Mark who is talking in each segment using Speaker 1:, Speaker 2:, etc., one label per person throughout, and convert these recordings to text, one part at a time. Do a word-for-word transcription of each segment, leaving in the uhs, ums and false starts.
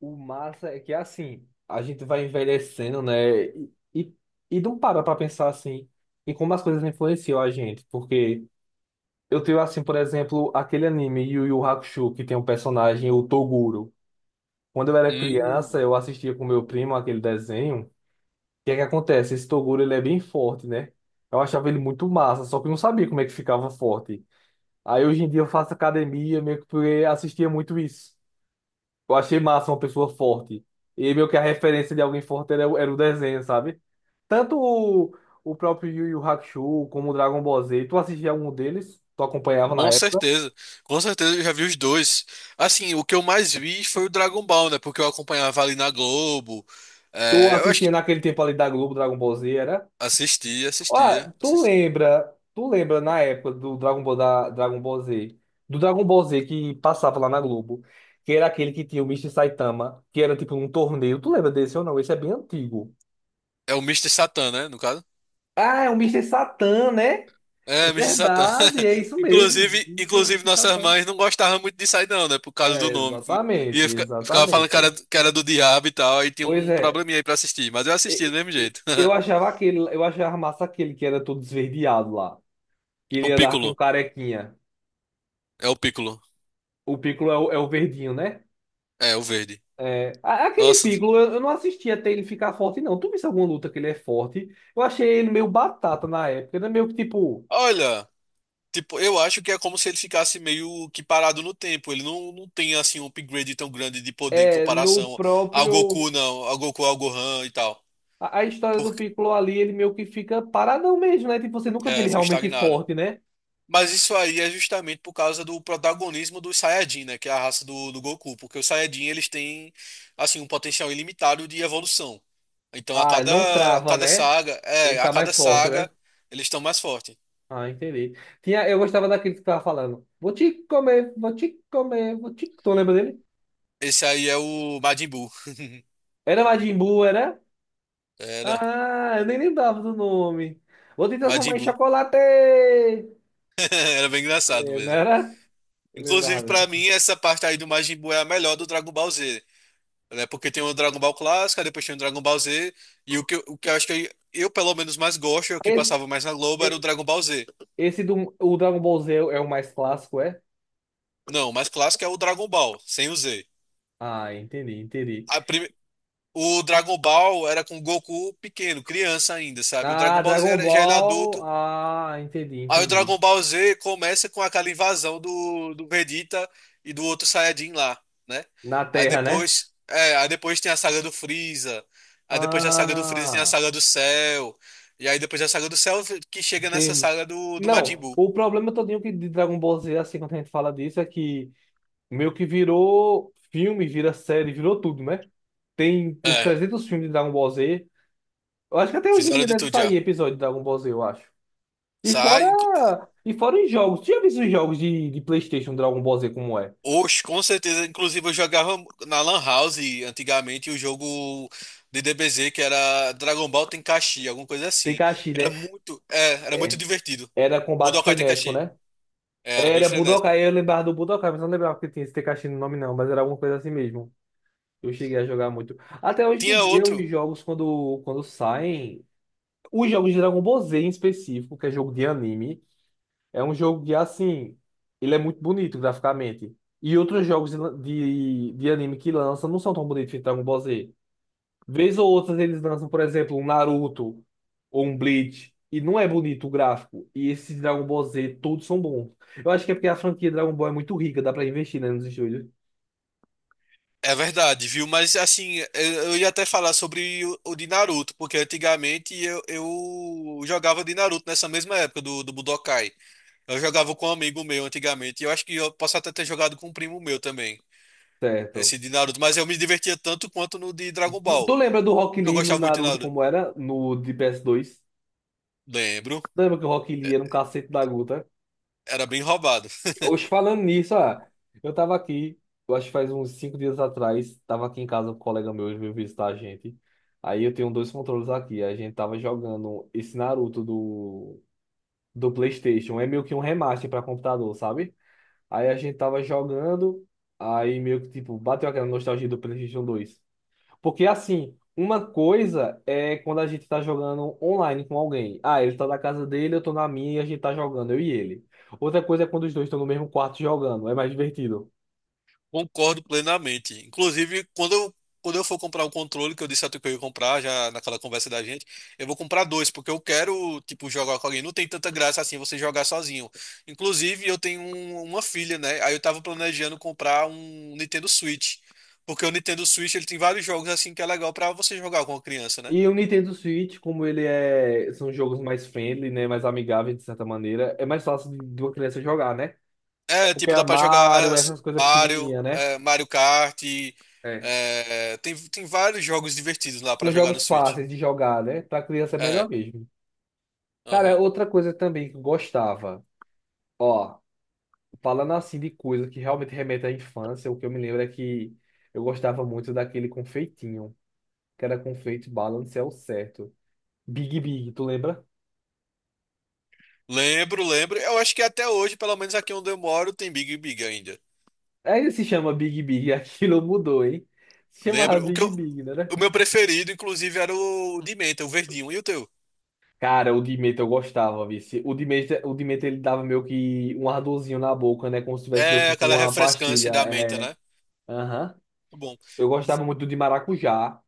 Speaker 1: O massa é que assim, a gente vai envelhecendo, né? E, e, e não para pra pensar assim em como as coisas influenciam a gente. Porque eu tenho assim, por exemplo, aquele anime Yu Yu Hakusho, que tem um personagem, o Toguro. Quando eu era
Speaker 2: Hum,
Speaker 1: criança, eu assistia com meu primo aquele desenho. O que é que acontece? Esse Toguro, ele é bem forte, né? Eu achava ele muito massa, só que eu não sabia como é que ficava forte. Aí hoje em dia eu faço academia, meio que porque assistia muito isso. Eu achei massa uma pessoa forte. E meio que a referência de alguém forte era, o- era o desenho, sabe? Tanto o, o próprio Yu Yu Hakusho como o Dragon Ball Z. Tu assistia algum deles? Tu acompanhava na
Speaker 2: com
Speaker 1: época?
Speaker 2: certeza, com certeza eu já vi os dois. Assim, o que eu mais vi foi o Dragon Ball, né? Porque eu acompanhava ali na Globo.
Speaker 1: Tu
Speaker 2: É, eu acho
Speaker 1: assistia
Speaker 2: que
Speaker 1: naquele tempo ali da Globo, Dragon Ball Z, era?
Speaker 2: assistia, assistia,
Speaker 1: Ah, tu
Speaker 2: assistia.
Speaker 1: lembra, tu lembra na época do Dragon Ball, da, Dragon Ball Z, do Dragon Ball Z que passava lá na Globo, que era aquele que tinha o Mister Saitama, que era tipo um torneio. Tu lembra desse ou não? Esse é bem antigo.
Speaker 2: É o Mister Satan, né? No caso.
Speaker 1: Ah, é o Mister Satan, né? É
Speaker 2: É, Mister Satan.
Speaker 1: verdade, é isso mesmo.
Speaker 2: Inclusive,
Speaker 1: Você,
Speaker 2: inclusive
Speaker 1: você está
Speaker 2: nossas
Speaker 1: falando.
Speaker 2: mães não gostavam muito disso aí, não, né? Por causa do
Speaker 1: É,
Speaker 2: nome. E
Speaker 1: exatamente,
Speaker 2: eu fica- ficava falando que
Speaker 1: exatamente.
Speaker 2: era, que era do diabo e tal, aí tinha
Speaker 1: Pois
Speaker 2: um
Speaker 1: é,
Speaker 2: probleminha aí pra assistir. Mas eu assistia do
Speaker 1: e-
Speaker 2: mesmo
Speaker 1: e-
Speaker 2: jeito.
Speaker 1: eu achava aquele, eu achava massa aquele que era todo esverdeado lá, que ele
Speaker 2: O
Speaker 1: ia dar
Speaker 2: Piccolo.
Speaker 1: com carequinha.
Speaker 2: É o Piccolo.
Speaker 1: O Piccolo é o, é o verdinho, né?
Speaker 2: É, o verde.
Speaker 1: É, a- aquele
Speaker 2: Nossa,
Speaker 1: Piccolo, eu, eu não assisti até ele ficar forte, não. Tu viste alguma luta que ele é forte? Eu achei ele meio batata na época, ele é meio que tipo,
Speaker 2: olha. Tipo, eu acho que é como se ele ficasse meio que parado no tempo. Ele não, não tem assim um upgrade tão grande de poder em
Speaker 1: é, no
Speaker 2: comparação ao
Speaker 1: próprio.
Speaker 2: Goku, não, ao Goku, ao Gohan e tal.
Speaker 1: A, a história do
Speaker 2: Porque
Speaker 1: Piccolo ali, ele meio que fica paradão mesmo, né? Tipo, você nunca vê
Speaker 2: é,
Speaker 1: ele
Speaker 2: fica
Speaker 1: realmente
Speaker 2: estagnado.
Speaker 1: forte, né?
Speaker 2: Mas isso aí é justamente por causa do protagonismo dos Saiyajin, né, que é a raça do, do Goku, porque os Saiyajin eles têm assim um potencial ilimitado de evolução. Então a
Speaker 1: Ah, não
Speaker 2: cada a
Speaker 1: trava,
Speaker 2: cada
Speaker 1: né?
Speaker 2: saga,
Speaker 1: Ele
Speaker 2: é, a
Speaker 1: tá
Speaker 2: cada
Speaker 1: mais forte, né?
Speaker 2: saga eles estão mais fortes.
Speaker 1: Ah, entendi. Tinha, eu gostava daquele que tava falando. Vou te comer, vou te comer, vou te... Tu lembra dele?
Speaker 2: Esse aí é o Majin Buu.
Speaker 1: Era Majin Buu, era?
Speaker 2: Era
Speaker 1: Ah, eu nem lembrava do nome. Vou te transformar
Speaker 2: Majin
Speaker 1: em
Speaker 2: Buu.
Speaker 1: chocolate!
Speaker 2: Era bem engraçado
Speaker 1: É, não
Speaker 2: mesmo.
Speaker 1: era? Eu
Speaker 2: Inclusive,
Speaker 1: lembrava
Speaker 2: pra
Speaker 1: assim.
Speaker 2: mim, essa parte aí do Majin Buu é a melhor do Dragon Ball Z, né? Porque tem o Dragon Ball clássico, aí depois tem o Dragon Ball Z, e o que, eu- o que eu acho que eu, eu, pelo menos, mais gosto, é o que
Speaker 1: Esse,
Speaker 2: passava mais na Globo, era o
Speaker 1: e-
Speaker 2: Dragon Ball Z.
Speaker 1: esse do o Dragon Ball Z é o mais clássico, é?
Speaker 2: Não, o mais clássico é o Dragon Ball, sem o Z.
Speaker 1: Ah, entendi, entendi.
Speaker 2: A prime- O Dragon Ball era com o Goku pequeno, criança ainda, sabe? O Dragon
Speaker 1: Ah,
Speaker 2: Ball Z
Speaker 1: Dragon
Speaker 2: era, já ele
Speaker 1: Ball.
Speaker 2: adulto.
Speaker 1: Ah, entendi,
Speaker 2: Aí o
Speaker 1: entendi.
Speaker 2: Dragon Ball Z começa com aquela invasão do, do Vegeta e do outro Saiyajin lá, né?
Speaker 1: Na
Speaker 2: Aí
Speaker 1: Terra, né?
Speaker 2: depois, é, aí depois tem a saga do Freeza. Aí depois da saga do Freeza tem a
Speaker 1: Ah.
Speaker 2: saga do Cell. E aí depois da saga do Cell que chega nessa
Speaker 1: Tem...
Speaker 2: saga do, do Majin
Speaker 1: Não,
Speaker 2: Buu.
Speaker 1: o problema todinho que de Dragon Ball Z, assim, quando a gente fala disso, é que meio que virou filme, vira série, virou tudo, né? Tem uns
Speaker 2: É,
Speaker 1: trezentos filmes de Dragon Ball Z. Eu acho que até hoje em
Speaker 2: fizeram
Speaker 1: dia
Speaker 2: de
Speaker 1: deve
Speaker 2: tudo já.
Speaker 1: sair episódio de Dragon Ball Z, eu acho. E
Speaker 2: Sai.
Speaker 1: fora, e fora os jogos. Tu já viu os jogos de, de PlayStation Dragon Ball Z como é?
Speaker 2: Oxe, com certeza. Inclusive, eu jogava na Lan House antigamente o jogo de D B Z que era Dragon Ball Tenkaichi, alguma coisa
Speaker 1: Tem
Speaker 2: assim.
Speaker 1: Kashi,
Speaker 2: Era
Speaker 1: né?
Speaker 2: muito, é, era muito
Speaker 1: É.
Speaker 2: divertido.
Speaker 1: Era combate
Speaker 2: Budokai
Speaker 1: frenético,
Speaker 2: Tenkaichi.
Speaker 1: né?
Speaker 2: É, era bem
Speaker 1: Era
Speaker 2: frenético.
Speaker 1: Budokai, eu lembrava do Budokai, mas não lembrava que tinha esse Tekashi no nome, não, mas era alguma coisa assim mesmo. Eu cheguei a jogar muito. Até hoje em
Speaker 2: Tinha
Speaker 1: dia,
Speaker 2: outro,
Speaker 1: os jogos, quando, quando saem, os jogos de Dragon Ball Z em específico, que é jogo de anime, é um jogo que, assim, ele é muito bonito graficamente. E outros jogos de, de, de anime que lançam não são tão bonitos que Dragon Ball Z. Vez ou outra, eles lançam, por exemplo, um Naruto ou um Bleach, e não é bonito o gráfico. E esses Dragon Ball Z, todos são bons. Eu acho que é porque a franquia Dragon Ball é muito rica, dá pra investir, né, nos estúdios.
Speaker 2: é verdade, viu? Mas assim, eu, eu ia até falar sobre o, o de Naruto, porque antigamente eu, eu jogava de Naruto nessa mesma época do, do Budokai. Eu jogava com um amigo meu antigamente, e eu acho que eu posso até ter jogado com um primo meu também.
Speaker 1: Certo.
Speaker 2: Esse de Naruto, mas eu me divertia tanto quanto no de Dragon
Speaker 1: Tu, tu
Speaker 2: Ball.
Speaker 1: lembra do Rock
Speaker 2: Porque eu
Speaker 1: Lee no
Speaker 2: gostava muito de
Speaker 1: Naruto,
Speaker 2: Naruto.
Speaker 1: como era? No de P S dois?
Speaker 2: Lembro,
Speaker 1: Tu lembra que o Rock
Speaker 2: é,
Speaker 1: Lee era um cacete da Guta?
Speaker 2: era bem roubado.
Speaker 1: Hoje, falando nisso, ah, eu tava aqui, eu acho que faz uns cinco dias atrás, tava aqui em casa com um colega meu, ele veio visitar a gente. Aí eu tenho dois controles aqui, a gente tava jogando esse Naruto do, do PlayStation, é meio que um remaster pra computador, sabe? Aí a gente tava jogando, aí meio que tipo, bateu aquela nostalgia do PlayStation dois. Porque assim, uma coisa é quando a gente tá jogando online com alguém. Ah, ele tá na casa dele, eu tô na minha e a gente tá jogando, eu e ele. Outra coisa é quando os dois estão no mesmo quarto jogando, é mais divertido.
Speaker 2: Concordo plenamente. Inclusive, quando eu, quando eu for comprar um controle, que eu disse a tu que eu ia comprar já naquela conversa da gente, eu vou comprar dois, porque eu quero, tipo, jogar com alguém. Não tem tanta graça assim você jogar sozinho. Inclusive, eu tenho um- uma filha, né? Aí eu tava planejando comprar um Nintendo Switch. Porque o Nintendo Switch ele tem vários jogos assim que é legal pra você jogar com a criança, né?
Speaker 1: E o Nintendo Switch, como ele é, são jogos mais friendly, né, mais amigáveis de certa maneira, é mais fácil de de uma criança jogar, né?
Speaker 2: É,
Speaker 1: Porque
Speaker 2: tipo,
Speaker 1: é
Speaker 2: dá pra jogar
Speaker 1: Mario, essas coisas
Speaker 2: Mario,
Speaker 1: pequenininhas, né?
Speaker 2: é, Mario Kart,
Speaker 1: É.
Speaker 2: é, tem, tem vários jogos divertidos lá pra
Speaker 1: São
Speaker 2: jogar no
Speaker 1: jogos
Speaker 2: Switch.
Speaker 1: fáceis de jogar, né? Pra criança é melhor
Speaker 2: É,
Speaker 1: mesmo. Cara,
Speaker 2: aham.
Speaker 1: outra coisa também que eu gostava. Ó. Falando assim de coisa que realmente remete à infância, o que eu me lembro é que eu gostava muito daquele confeitinho, que era confeito balance é o certo. Big Big, tu lembra?
Speaker 2: Lembro, lembro. Eu acho que até hoje, pelo menos aqui onde eu moro, tem Big Big ainda.
Speaker 1: Ainda se chama Big Big, aquilo mudou, hein? Se chamava
Speaker 2: Lembro. O que
Speaker 1: Big
Speaker 2: eu-
Speaker 1: Big, não era?
Speaker 2: o meu preferido, inclusive, era o de menta, o verdinho. E o teu?
Speaker 1: Cara, o Demeter eu gostava, vice. O Demeter, o Demeter ele dava meio que um ardorzinho na boca, né? Como se tivesse meio
Speaker 2: É
Speaker 1: que com
Speaker 2: aquela
Speaker 1: uma pastilha.
Speaker 2: refrescância da menta,
Speaker 1: É...
Speaker 2: né?
Speaker 1: Aham.
Speaker 2: Muito bom.
Speaker 1: Eu gostava muito do de maracujá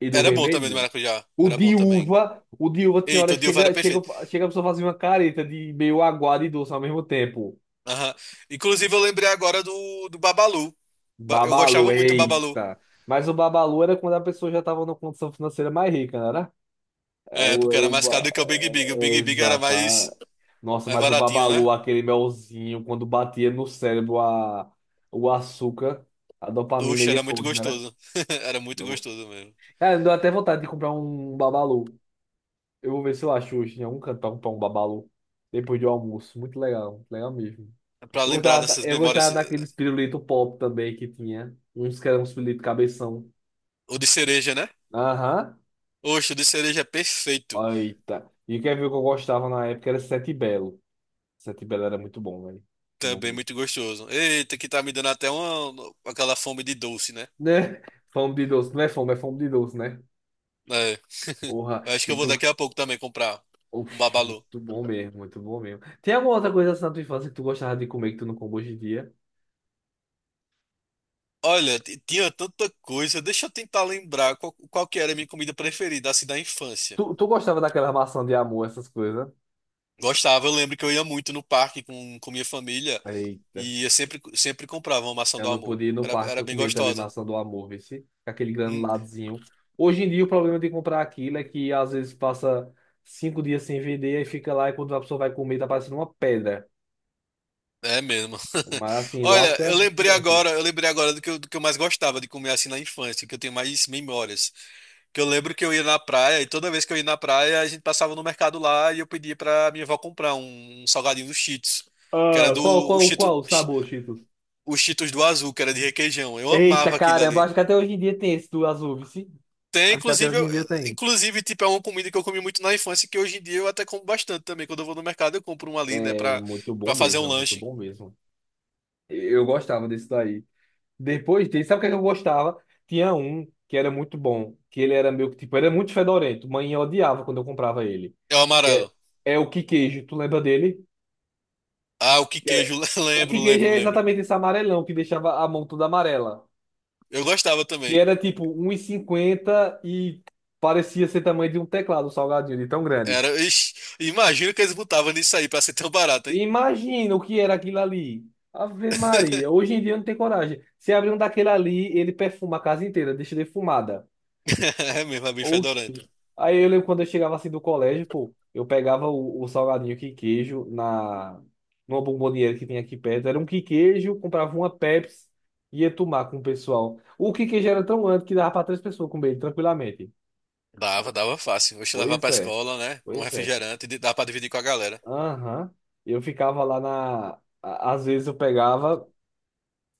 Speaker 1: e do
Speaker 2: Era bom também do
Speaker 1: vermelhinho.
Speaker 2: maracujá.
Speaker 1: O
Speaker 2: Era bom
Speaker 1: de
Speaker 2: também.
Speaker 1: uva, o de uva tinha hora
Speaker 2: Eita, o
Speaker 1: que
Speaker 2: Dilva era
Speaker 1: chega, chega,
Speaker 2: perfeito.
Speaker 1: chega a pessoa fazer uma careta de meio aguado e doce ao mesmo tempo.
Speaker 2: Aham. Inclusive, eu lembrei agora do, do Babalu. Ba- Eu
Speaker 1: Babalu,
Speaker 2: gostava muito do Babalu.
Speaker 1: eita. Mas o babalu era quando a pessoa já estava numa condição financeira mais rica, não era? É,
Speaker 2: É,
Speaker 1: o, é
Speaker 2: porque era
Speaker 1: o
Speaker 2: mais caro
Speaker 1: ba-
Speaker 2: do que o Big Big.
Speaker 1: é-
Speaker 2: O
Speaker 1: é
Speaker 2: Big Big era
Speaker 1: exato. ah.
Speaker 2: mais,
Speaker 1: Nossa,
Speaker 2: mais
Speaker 1: mas o
Speaker 2: baratinho, né?
Speaker 1: babalu, aquele melzinho, quando batia no cérebro a, o açúcar, a dopamina
Speaker 2: Uxa,
Speaker 1: ia
Speaker 2: era muito
Speaker 1: longe, né era?
Speaker 2: gostoso. Era muito gostoso mesmo.
Speaker 1: É, me deu até vontade de comprar um babalu. Eu vou ver se eu acho hoje em algum canto pra comprar um babalu. Depois do almoço. Muito legal, muito legal mesmo.
Speaker 2: É,
Speaker 1: Eu
Speaker 2: pra lembrar
Speaker 1: gostava, da-
Speaker 2: dessas
Speaker 1: eu
Speaker 2: memórias.
Speaker 1: gostava daqueles pirulitos pop também que tinha. Uns que eram uns pirulitos cabeção.
Speaker 2: O de cereja, né?
Speaker 1: Aham.
Speaker 2: Oxe, o de cereja é perfeito.
Speaker 1: Eita. E quer ver o que eu gostava na época? Era Sete Belo. Sete Belo era muito bom, velho. Muito bom
Speaker 2: Também
Speaker 1: mesmo.
Speaker 2: muito gostoso. Eita, que tá me dando até uma, aquela fome de doce, né?
Speaker 1: Né? Fome de doce. Não é fome, é fome de doce, né?
Speaker 2: É.
Speaker 1: Porra.
Speaker 2: Acho que
Speaker 1: E
Speaker 2: eu vou
Speaker 1: tu.
Speaker 2: daqui a pouco também comprar um
Speaker 1: Oxi,
Speaker 2: babalu.
Speaker 1: muito bom mesmo, muito bom mesmo. Tem alguma outra coisa assim na tua infância que tu gostava de comer que tu não come hoje em dia?
Speaker 2: Olha, t- tinha tanta coisa. Deixa eu tentar lembrar qual, qual que era a minha comida preferida, assim, da infância.
Speaker 1: Tu, tu gostava daquela maçã de amor, essas coisas?
Speaker 2: Gostava, eu lembro que eu ia muito no parque com, com minha família.
Speaker 1: Eita,
Speaker 2: E eu sempre, sempre comprava uma maçã
Speaker 1: eu
Speaker 2: do
Speaker 1: não
Speaker 2: amor.
Speaker 1: podia ir no
Speaker 2: Era,
Speaker 1: parque,
Speaker 2: era
Speaker 1: eu
Speaker 2: bem
Speaker 1: comia também
Speaker 2: gostosa.
Speaker 1: maçã do amor, vê se com aquele
Speaker 2: Hum,
Speaker 1: granuladozinho. Hoje em dia o problema de comprar aquilo é que às vezes passa cinco dias sem vender e fica lá e quando a pessoa vai comer tá parecendo uma pedra.
Speaker 2: é mesmo.
Speaker 1: Mas assim,
Speaker 2: Olha, eu
Speaker 1: lasca o
Speaker 2: lembrei
Speaker 1: dente.
Speaker 2: agora, eu lembrei agora do que eu, do que eu mais gostava de comer assim na infância, que eu tenho mais memórias. Que eu lembro que eu ia na praia e toda vez que eu ia na praia, a gente passava no mercado lá e eu pedia pra minha avó comprar um, um salgadinho do Cheetos, que era
Speaker 1: Ah,
Speaker 2: do
Speaker 1: qual,
Speaker 2: o
Speaker 1: qual,
Speaker 2: Cheetos,
Speaker 1: qual o sabor, Cheetos?
Speaker 2: o Cheetos do Azul, que era de requeijão. Eu
Speaker 1: Eita,
Speaker 2: amava aquilo
Speaker 1: caramba,
Speaker 2: ali.
Speaker 1: acho que até hoje em dia tem esse do azul, vê se.
Speaker 2: Tem,
Speaker 1: Acho que até
Speaker 2: inclusive,
Speaker 1: hoje
Speaker 2: eu-
Speaker 1: em dia tem.
Speaker 2: inclusive, tipo, é uma comida que eu comi muito na infância, que hoje em dia eu até como bastante também. Quando eu vou no mercado, eu compro um ali, né,
Speaker 1: É
Speaker 2: pra,
Speaker 1: muito bom
Speaker 2: pra fazer
Speaker 1: mesmo,
Speaker 2: um
Speaker 1: é muito
Speaker 2: lanche.
Speaker 1: bom mesmo. Eu gostava desse daí. Depois dele, sabe o que é que eu gostava? Tinha um que era muito bom, que ele era meio que, tipo, era muito fedorento. Mãe odiava quando eu comprava ele.
Speaker 2: É o
Speaker 1: Que É,
Speaker 2: amarelo.
Speaker 1: é o que queijo, tu lembra dele?
Speaker 2: Ah, o que
Speaker 1: Que é-
Speaker 2: queijo,
Speaker 1: O
Speaker 2: lembro,
Speaker 1: que queijo
Speaker 2: lembro,
Speaker 1: é
Speaker 2: lembro.
Speaker 1: exatamente esse amarelão que deixava a mão toda amarela.
Speaker 2: Eu gostava
Speaker 1: Que
Speaker 2: também.
Speaker 1: era tipo um e cinquenta e cinquenta e parecia ser tamanho de um teclado um salgadinho, de tão grande.
Speaker 2: Era, ixi, imagina que eles botavam nisso aí pra ser tão barato, hein?
Speaker 1: Imagina o que era aquilo ali. Ave Maria, hoje em dia eu não tenho coragem. Se abrir um daquele ali, ele perfuma a casa inteira, deixa defumada.
Speaker 2: É mesmo, é bem
Speaker 1: Oxi.
Speaker 2: fedorento.
Speaker 1: Aí eu lembro quando eu chegava assim do colégio, pô, eu pegava o, o salgadinho que queijo na numa bomboniere que tinha aqui perto. Era um que queijo, comprava uma Pepsi e ia tomar com o pessoal. O que queijo era tão grande que dava para três pessoas comer ele tranquilamente.
Speaker 2: Dava, dava fácil. Hoje levar
Speaker 1: Pois
Speaker 2: pra
Speaker 1: é,
Speaker 2: escola, né? Um
Speaker 1: pois é.
Speaker 2: refrigerante, e dá pra dividir com a galera.
Speaker 1: Aham. Eu ficava lá na. A- às vezes eu pegava.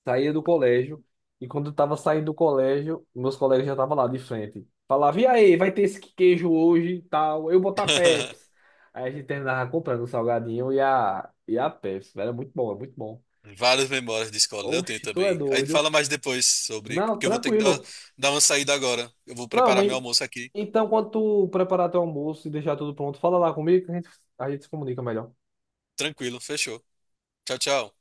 Speaker 1: Saía do colégio, e quando eu tava saindo do colégio, meus colegas já estavam lá de frente. Falava, e aí, vai ter esse queijo hoje e tal, eu botar Pepsi. Aí a gente terminava comprando o salgadinho e a, e a Pepsi, velho, é muito bom, é muito bom.
Speaker 2: Várias memórias de escola, eu tenho
Speaker 1: Oxe, tu é
Speaker 2: também. A gente
Speaker 1: doido?
Speaker 2: fala mais depois sobre,
Speaker 1: Não,
Speaker 2: porque eu vou ter que dar,
Speaker 1: tranquilo.
Speaker 2: dar uma saída agora. Eu vou
Speaker 1: Não,
Speaker 2: preparar meu
Speaker 1: mãe,
Speaker 2: almoço aqui.
Speaker 1: então quando tu preparar teu almoço e deixar tudo pronto, fala lá comigo que a gente, a gente se comunica melhor.
Speaker 2: Tranquilo, fechou. Tchau, tchau.